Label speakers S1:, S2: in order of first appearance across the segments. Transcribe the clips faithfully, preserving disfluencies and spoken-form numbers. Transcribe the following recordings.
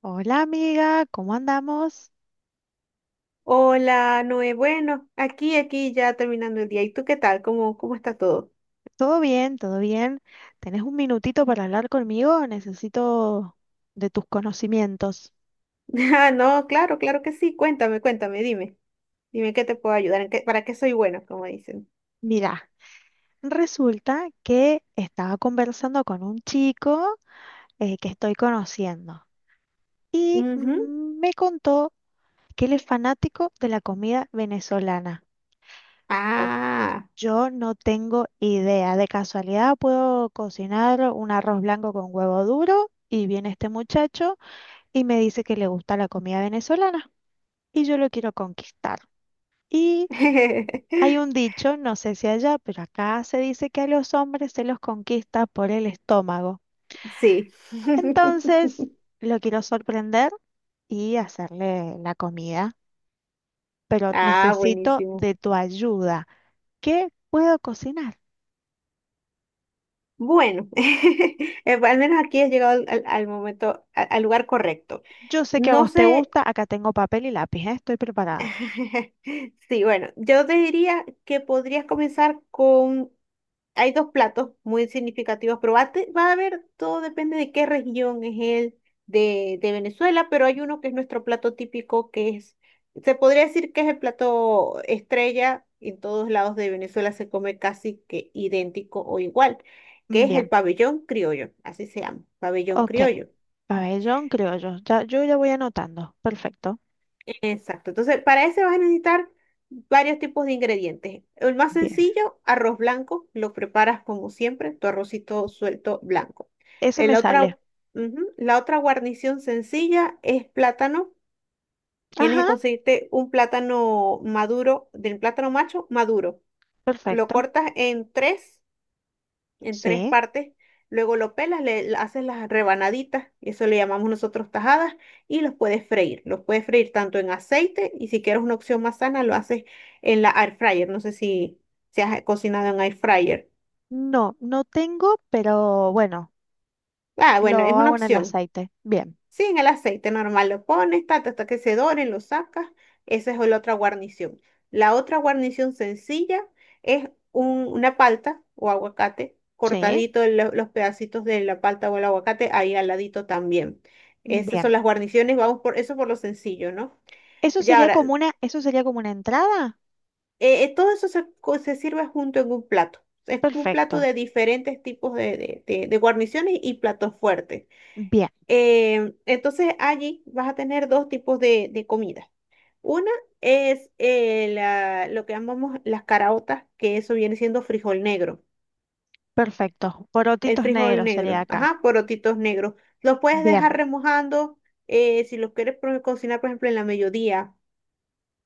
S1: Hola amiga, ¿cómo andamos?
S2: Hola, Noé. Bueno, aquí, aquí ya terminando el día. ¿Y tú qué tal? ¿Cómo, cómo está todo?
S1: ¿Todo bien? ¿Todo bien? ¿Tenés un minutito para hablar conmigo? Necesito de tus conocimientos.
S2: Ah, no, claro, claro que sí. Cuéntame, cuéntame, dime. Dime qué te puedo ayudar, en qué- para qué soy buena, como dicen.
S1: Mira, resulta que estaba conversando con un chico eh, que estoy conociendo y
S2: Ujú.
S1: mm, me contó que él es fanático de la comida venezolana. Pero
S2: Ah,
S1: yo no tengo idea. De casualidad puedo cocinar un arroz blanco con huevo duro y viene este muchacho y me dice que le gusta la comida venezolana y yo lo quiero conquistar. Y hay un dicho, no sé si allá, pero acá se dice que a los hombres se los conquista por el estómago.
S2: sí.
S1: Entonces, lo quiero sorprender y hacerle la comida, pero
S2: Ah,
S1: necesito
S2: buenísimo.
S1: de tu ayuda. ¿Qué puedo cocinar?
S2: Bueno, eh, al menos aquí has llegado al, al- al momento, a- al lugar correcto.
S1: Yo sé que a
S2: No
S1: vos te
S2: sé,
S1: gusta, acá tengo papel y lápiz, ¿eh? Estoy preparada.
S2: sí, bueno, yo te diría que podrías comenzar con. Hay dos platos muy significativos, pero va a, te- va a haber, todo depende de qué región es el de, de Venezuela, pero hay uno que es nuestro plato típico, que es, se podría decir que es el plato estrella, en todos lados de Venezuela se come casi que idéntico o igual, que es el
S1: Bien,
S2: pabellón criollo, así se llama, pabellón
S1: ok.
S2: criollo.
S1: Pabellón criollo. Ya, yo ya voy anotando. Perfecto.
S2: Exacto. Entonces, para ese vas a necesitar varios tipos de ingredientes. El más
S1: Bien.
S2: sencillo, arroz blanco, lo preparas como siempre, tu arrocito suelto blanco.
S1: Ese
S2: El
S1: me
S2: otra,
S1: sale.
S2: Ujú. La otra guarnición sencilla es plátano. Tienes que
S1: Ajá,
S2: conseguirte un plátano maduro, del plátano macho maduro. Lo
S1: perfecto.
S2: cortas en tres en tres
S1: Sí.
S2: partes. Luego lo pelas, le haces las rebanaditas, eso le llamamos nosotros tajadas, y los puedes freír. Los puedes freír tanto en aceite y si quieres una opción más sana, lo haces en la air fryer. No sé si, si has cocinado en air fryer.
S1: No, no tengo, pero bueno,
S2: Ah, bueno, es
S1: lo
S2: una
S1: hago en el
S2: opción.
S1: aceite. Bien.
S2: Sí, en el aceite normal lo pones, tata, hasta que se doren, lo sacas. Esa es la otra guarnición. La otra guarnición sencilla es un- una palta o aguacate,
S1: Sí.
S2: cortadito lo- los pedacitos de la palta o el aguacate ahí al ladito también. Esas son
S1: Bien.
S2: las guarniciones, vamos por eso por lo sencillo, ¿no?
S1: Eso
S2: Ya
S1: sería
S2: ahora,
S1: como una, eso sería como una entrada.
S2: eh, eh, todo eso se, co- se sirve junto en un plato. Es como un plato
S1: Perfecto.
S2: de diferentes tipos de, de de- de guarniciones y platos fuertes.
S1: Bien.
S2: Em, entonces allí vas a tener dos tipos de, de comida. Una es eh, la- lo que llamamos las caraotas, que eso viene siendo frijol negro.
S1: Perfecto.
S2: El
S1: Porotitos
S2: frijol
S1: negros sería
S2: negro,
S1: acá.
S2: ajá, porotitos negros. Los puedes dejar
S1: Bien.
S2: remojando, eh, si los quieres pro- cocinar, por ejemplo, en la mediodía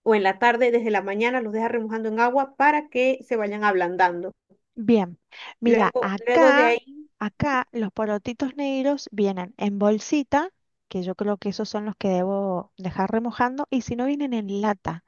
S2: o en la tarde, desde la mañana los dejas remojando en agua para que se vayan ablandando.
S1: Bien. Mira,
S2: Luego, luego de
S1: acá,
S2: ahí.
S1: acá los porotitos negros vienen en bolsita, que yo creo que esos son los que debo dejar remojando, y si no vienen en lata,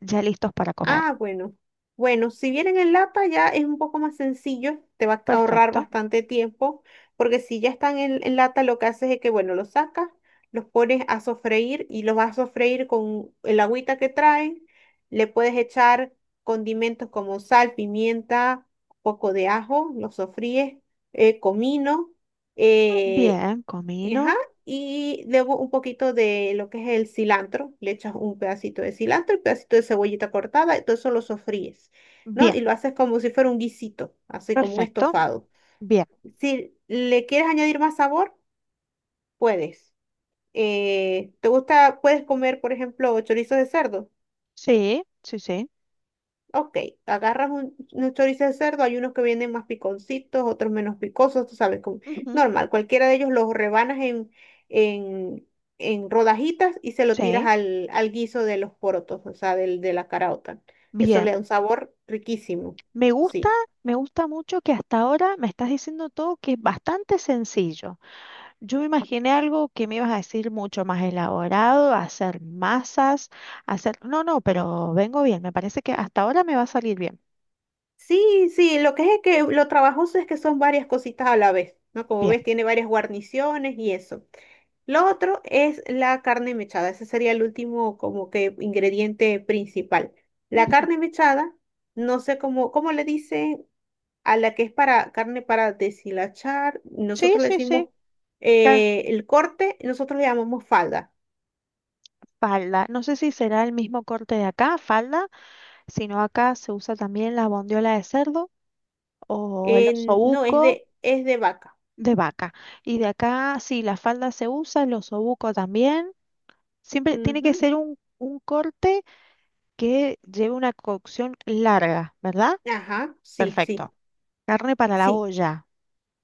S1: ya listos para comer.
S2: Ah, bueno. Bueno, si vienen en lata ya es un poco más sencillo, te va a ahorrar
S1: Perfecto.
S2: bastante tiempo, porque si ya están en, en lata, lo que haces es que, bueno, los sacas, los pones a sofreír y los vas a sofreír con el agüita que traen. Le puedes echar condimentos como sal, pimienta, poco de ajo, los sofríes, eh, comino. eh,
S1: Bien,
S2: Ajá,
S1: comino.
S2: y luego un poquito de lo que es el cilantro, le echas un pedacito de cilantro, un pedacito de cebollita cortada, y todo eso lo sofríes, ¿no?
S1: Bien,
S2: Y lo haces como si fuera un guisito, así como un
S1: perfecto.
S2: estofado.
S1: Bien.
S2: Si le quieres añadir más sabor, puedes. Eh, ¿te gusta, puedes comer, por ejemplo, chorizo de cerdo?
S1: Sí, sí, sí.
S2: Ok, agarras un, un chorizo de cerdo, hay unos que vienen más piconcitos, otros menos picosos, tú sabes, como,
S1: Ujú.
S2: normal, cualquiera de ellos los rebanas en, en, en rodajitas y se lo tiras
S1: Sí,
S2: al, al guiso de los porotos, o sea, del, de la caraota. Eso le
S1: bien.
S2: da un sabor riquísimo,
S1: Me gusta,
S2: sí.
S1: me gusta mucho que hasta ahora me estás diciendo todo que es bastante sencillo. Yo me imaginé algo que me ibas a decir mucho más elaborado, hacer masas, hacer... No, no, pero vengo bien. Me parece que hasta ahora me va a salir bien.
S2: Sí, sí, lo que es es que lo trabajoso es que son varias cositas a la vez, ¿no? Como
S1: Bien.
S2: ves, tiene varias guarniciones y eso. Lo otro es la carne mechada. Ese sería el último como que ingrediente principal. La
S1: Ujú.
S2: carne mechada, no sé cómo, cómo le dicen a la que es para carne para deshilachar.
S1: Sí,
S2: Nosotros le
S1: sí, sí.
S2: decimos,
S1: ca-
S2: eh, el corte, nosotros le llamamos falda.
S1: Falda. No sé si será el mismo corte de acá, falda, sino acá se usa también la bondiola de cerdo o el
S2: En- no, es
S1: osobuco.
S2: de, es de vaca.
S1: De vaca. Y de acá, sí, la falda se usa, los osobuco también. Siempre tiene
S2: Ujú.
S1: que ser un, un corte que lleve una cocción larga, ¿verdad?
S2: Ajá, sí, sí,
S1: Perfecto. Carne para la
S2: sí.
S1: olla.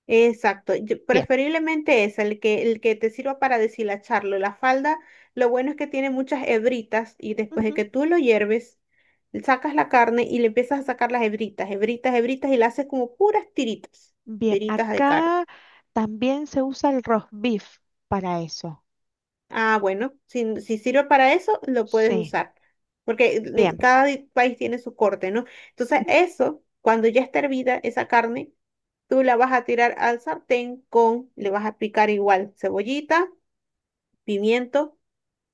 S2: Exacto, yo-
S1: Bien.
S2: preferiblemente es el que, el que te sirva para deshilacharlo. La falda, lo bueno es que tiene muchas hebritas y después de
S1: Ujú.
S2: que tú lo hierves, sacas la carne y le empiezas a sacar las hebritas, hebritas, hebritas y la haces como puras tiritas,
S1: Bien,
S2: tiritas de carne.
S1: acá también se usa el roast beef para eso.
S2: Ah, bueno, si, si sirve para eso, lo puedes
S1: Sí,
S2: usar, porque ni-
S1: bien.
S2: cada di- país tiene su corte, ¿no? Entonces,
S1: Ujú.
S2: eso, cuando ya está hervida esa carne, tú la vas a tirar al sartén con, le vas a picar igual cebollita, pimiento,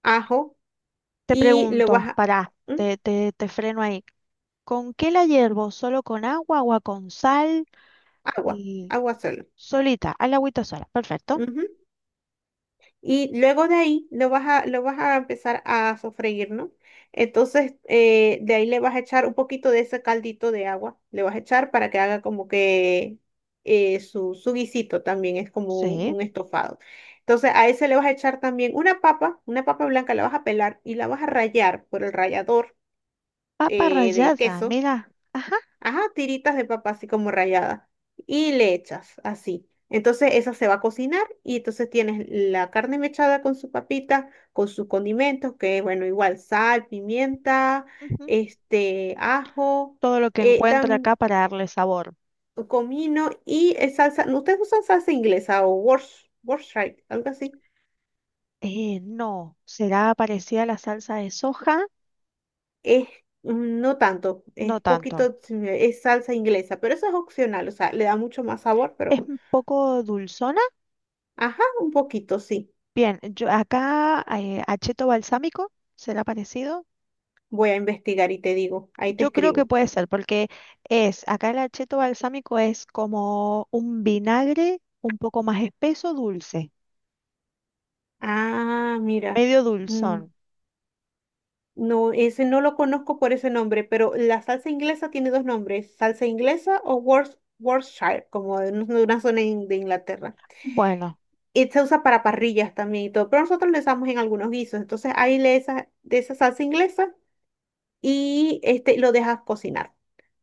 S2: ajo
S1: Te
S2: y lo vas
S1: pregunto,
S2: a.
S1: pará,
S2: ¿Mm?
S1: te, te, te freno ahí. ¿Con qué la hiervo? ¿Solo con agua, agua con sal
S2: Agua,
S1: y
S2: agua solo.
S1: solita? Al agüita sola. Perfecto.
S2: Ujú. Y luego de ahí lo vas a, lo vas a empezar a sofreír, ¿no? Entonces, eh, de ahí le vas a echar un poquito de ese caldito de agua, le vas a echar para que haga como que, eh, su, su guisito también es como
S1: Sí.
S2: un, un estofado. Entonces, a ese le vas a echar también una papa, una papa blanca, la vas a pelar y la vas a rallar por el rallador,
S1: Papa
S2: eh, de
S1: rallada,
S2: queso.
S1: mira.
S2: Ajá, tiritas de papa así como ralladas. Y le echas así. Entonces esa se va a cocinar y entonces tienes la carne mechada con su papita, con sus condimentos, que bueno, igual sal, pimienta,
S1: Ujú.
S2: este, ajo,
S1: Todo lo que
S2: eh,
S1: encuentro
S2: tam-
S1: acá para darle sabor.
S2: comino y eh, salsa. ¿No? ¿Ustedes usan salsa inglesa o Worcestershire, Worcestershire, algo así?
S1: Eh, no, ¿será parecida a la salsa de soja?
S2: Es, mm, no tanto, es
S1: No tanto.
S2: poquito, sí, es salsa inglesa, pero eso es opcional, o sea, le da mucho más sabor,
S1: ¿Es
S2: pero
S1: un poco dulzona?
S2: ajá, un poquito, sí.
S1: Bien, yo acá eh, acheto balsámico, ¿será parecido?
S2: Voy a investigar y te digo, ahí te
S1: Yo creo que
S2: escribo.
S1: puede ser, porque es, acá el acheto balsámico es como un vinagre un poco más espeso, dulce,
S2: Ah, mira.
S1: medio
S2: mm,
S1: dulzón.
S2: No, ese no lo conozco por ese nombre, pero la salsa inglesa tiene dos nombres, salsa inglesa o Worc- Worcestershire, como de un- de una zona in- de Inglaterra.
S1: Bueno,
S2: Y se usa para parrillas también y todo, pero nosotros le usamos en algunos guisos. Entonces ahí le esa, de esa salsa inglesa y este, lo dejas cocinar.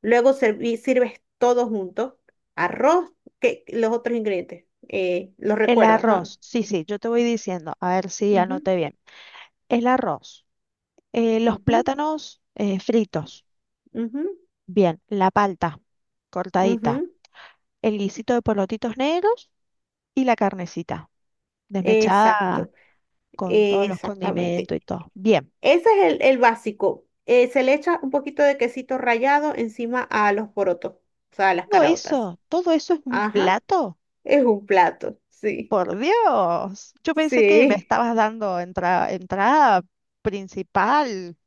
S2: Luego serví- sirves todo junto, arroz, que, los otros ingredientes. eh, los
S1: el
S2: recuerdas, ¿no?
S1: arroz, sí, sí, yo te voy diciendo, a ver si
S2: Ujú,
S1: anoté bien. El arroz. Eh, los
S2: ujú.
S1: plátanos eh, fritos.
S2: Ujú,
S1: Bien, la palta cortadita.
S2: ujú,
S1: El guisito de porotitos negros y la carnecita desmechada
S2: Exacto,
S1: con
S2: eh,
S1: todos los
S2: exactamente.
S1: condimentos y todo. Bien,
S2: Ese es el, el básico. Eh, se le echa un poquito de quesito rallado encima a los porotos, o sea, a las
S1: todo
S2: caraotas.
S1: eso, todo eso es un
S2: Ajá,
S1: plato.
S2: es un plato, sí,
S1: Por Dios, yo pensé que me
S2: sí.
S1: estabas dando entra- entrada principal.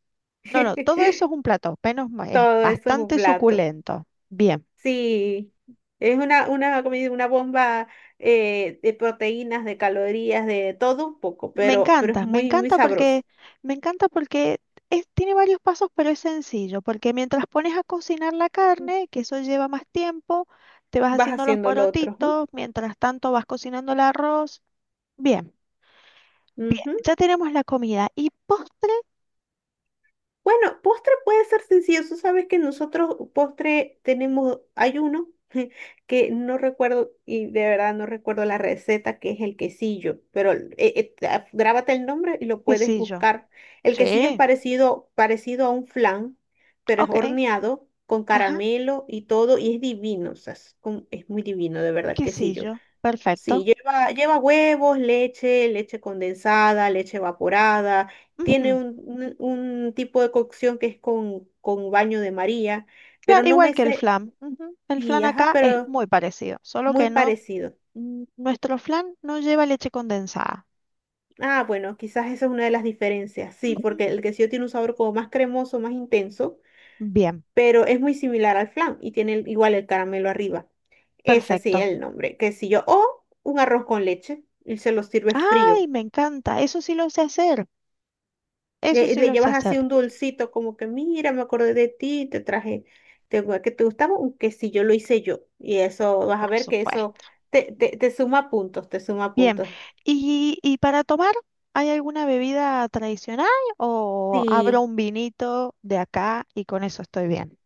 S1: No, no, todo eso es un plato, menos ma- es
S2: Todo eso es un
S1: bastante
S2: plato.
S1: suculento. Bien.
S2: Sí, es una, una, comida- una bomba, eh, de proteínas, de calorías, de todo un poco,
S1: Me
S2: pero, pero es
S1: encanta, me
S2: muy, muy
S1: encanta
S2: sabroso.
S1: porque, me encanta porque es- tiene varios pasos, pero es sencillo, porque mientras pones a cocinar la carne, que eso lleva más tiempo, te vas
S2: Vas
S1: haciendo los
S2: haciendo lo otro.
S1: porotitos, mientras tanto vas cocinando el arroz. Bien, bien,
S2: Ujú, ujú.
S1: ya tenemos la comida. ¿Y postre?
S2: Bueno, postre puede ser sencillo. Tú sabes que nosotros postre tenemos, hay uno que no recuerdo y de verdad no recuerdo la receta, que es el quesillo, pero eh, eh, ah, grábate el nombre y lo
S1: ¿Qué
S2: puedes
S1: sé yo?
S2: buscar. El quesillo es
S1: Sí,
S2: parecido, parecido a un flan, pero es
S1: ok,
S2: horneado con
S1: ajá,
S2: caramelo y todo y es divino, o sea, es, como- es muy divino de verdad el
S1: qué sé
S2: quesillo.
S1: yo,
S2: Sí,
S1: perfecto.
S2: lleva, lleva huevos, leche, leche condensada, leche evaporada. Tiene
S1: Ujú.
S2: un, un- un tipo de cocción que es con, con baño de María, pero
S1: Claro,
S2: no
S1: igual
S2: me
S1: que el
S2: sé,
S1: flan. Ujú. El
S2: sí,
S1: flan
S2: ajá,
S1: acá es
S2: pero
S1: muy parecido, solo
S2: muy
S1: que no,
S2: parecido.
S1: n- nuestro flan no lleva leche condensada.
S2: Ah, bueno, quizás esa es una de las diferencias, sí,
S1: Ujú.
S2: porque el quesillo tiene un sabor como más cremoso, más intenso,
S1: Bien,
S2: pero es muy similar al flan y tiene el- igual el caramelo arriba. Ese sí
S1: perfecto.
S2: es el nombre, quesillo. O un arroz con leche y se lo sirve frío.
S1: Ay, me encanta. Eso sí lo sé hacer. Eso
S2: Le,
S1: sí
S2: le
S1: lo sé
S2: llevas
S1: hacer,
S2: así un dulcito, como que mira, me acordé de ti, te traje, te, gu- que te gustaba, aunque si yo lo hice yo. Y eso, vas a
S1: por
S2: ver que eso
S1: supuesto.
S2: te, te, te suma puntos, te suma
S1: Bien.
S2: puntos.
S1: ¿Y, y para tomar, hay alguna bebida tradicional o abro
S2: Sí,
S1: un vinito de acá y con eso estoy bien?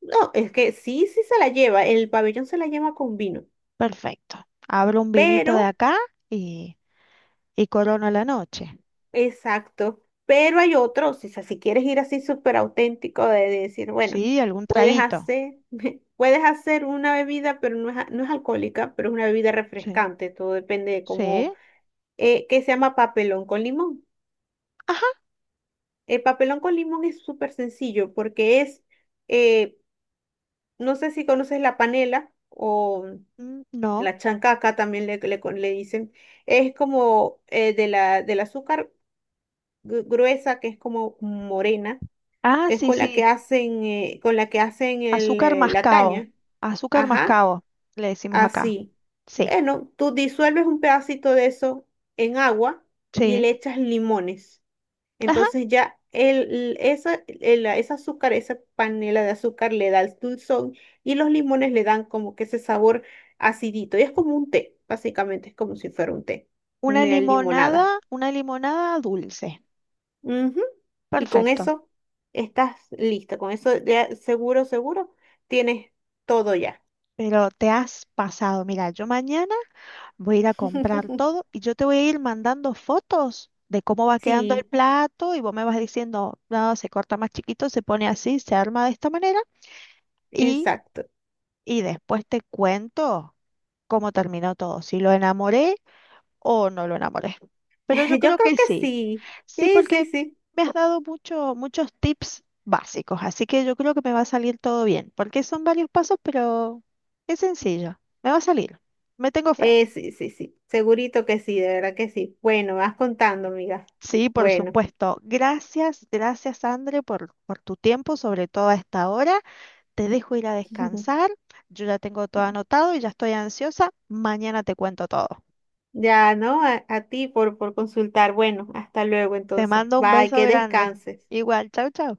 S2: no, es que sí, sí se la lleva, el pabellón se la lleva con vino,
S1: Perfecto. Abro un vinito de
S2: pero,
S1: acá y, y corono la noche.
S2: exacto, pero hay otros, o sea, si quieres ir así súper auténtico de, de decir, bueno,
S1: Sí, algún
S2: puedes
S1: traguito.
S2: hacer, puedes hacer una bebida, pero no es, a- no es alcohólica, pero es una bebida
S1: Sí.
S2: refrescante, todo depende de
S1: Sí.
S2: cómo, eh, que se llama papelón con limón.
S1: Ajá.
S2: El papelón con limón es súper sencillo porque es, eh, no sé si conoces la panela o
S1: Mm, no.
S2: la chancaca también le, le, con- le dicen, es como, eh, de la, del azúcar gru- gruesa que es como morena,
S1: Ah,
S2: que es
S1: sí,
S2: con la que
S1: sí.
S2: hacen, eh, con la que hacen el,
S1: Azúcar
S2: eh, la
S1: mascabo.
S2: caña.
S1: Azúcar
S2: Ajá,
S1: mascabo, le decimos acá.
S2: así.
S1: Sí.
S2: Bueno, tú disuelves un pedacito de eso en agua y
S1: Sí.
S2: le echas limones.
S1: Ajá,
S2: Entonces ya el, esa, el- ese azúcar, esa panela de azúcar le da el dulzón y los limones le dan como que ese sabor acidito. Y es como un té, básicamente, es como si fuera un té,
S1: una
S2: una limonada.
S1: limonada, una limonada dulce.
S2: Ujú. Y con
S1: Perfecto.
S2: eso estás lista, con eso ya seguro, seguro, tienes todo ya.
S1: Pero te has pasado. Mira, yo mañana voy a ir a comprar todo y yo te voy a ir mandando fotos de cómo va quedando el
S2: Sí,
S1: plato y vos me vas diciendo, no, se corta más chiquito, se pone así, se arma de esta manera y,
S2: exacto.
S1: y después te cuento cómo terminó todo, si lo enamoré o no lo enamoré. Pero yo
S2: Yo
S1: creo
S2: creo
S1: que
S2: que
S1: sí.
S2: sí.
S1: Sí,
S2: Sí, sí,
S1: porque
S2: sí.
S1: me has dado mucho, muchos tips básicos, así que yo creo que me va a salir todo bien, porque son varios pasos, pero es sencillo, me va a salir, me tengo fe.
S2: Eh, sí, sí, sí, segurito que sí, de verdad que sí. Bueno, vas contando, amiga.
S1: Sí, por
S2: Bueno,
S1: supuesto. Gracias, gracias, André, por, por tu tiempo, sobre todo a esta hora. Te dejo ir a descansar. Yo ya tengo todo anotado y ya estoy ansiosa. Mañana te cuento todo.
S2: ya, ¿no? A, a ti por, por consultar. Bueno, hasta luego
S1: Te
S2: entonces.
S1: mando un
S2: Bye,
S1: beso
S2: que
S1: grande.
S2: descanses.
S1: Igual, chau, chau.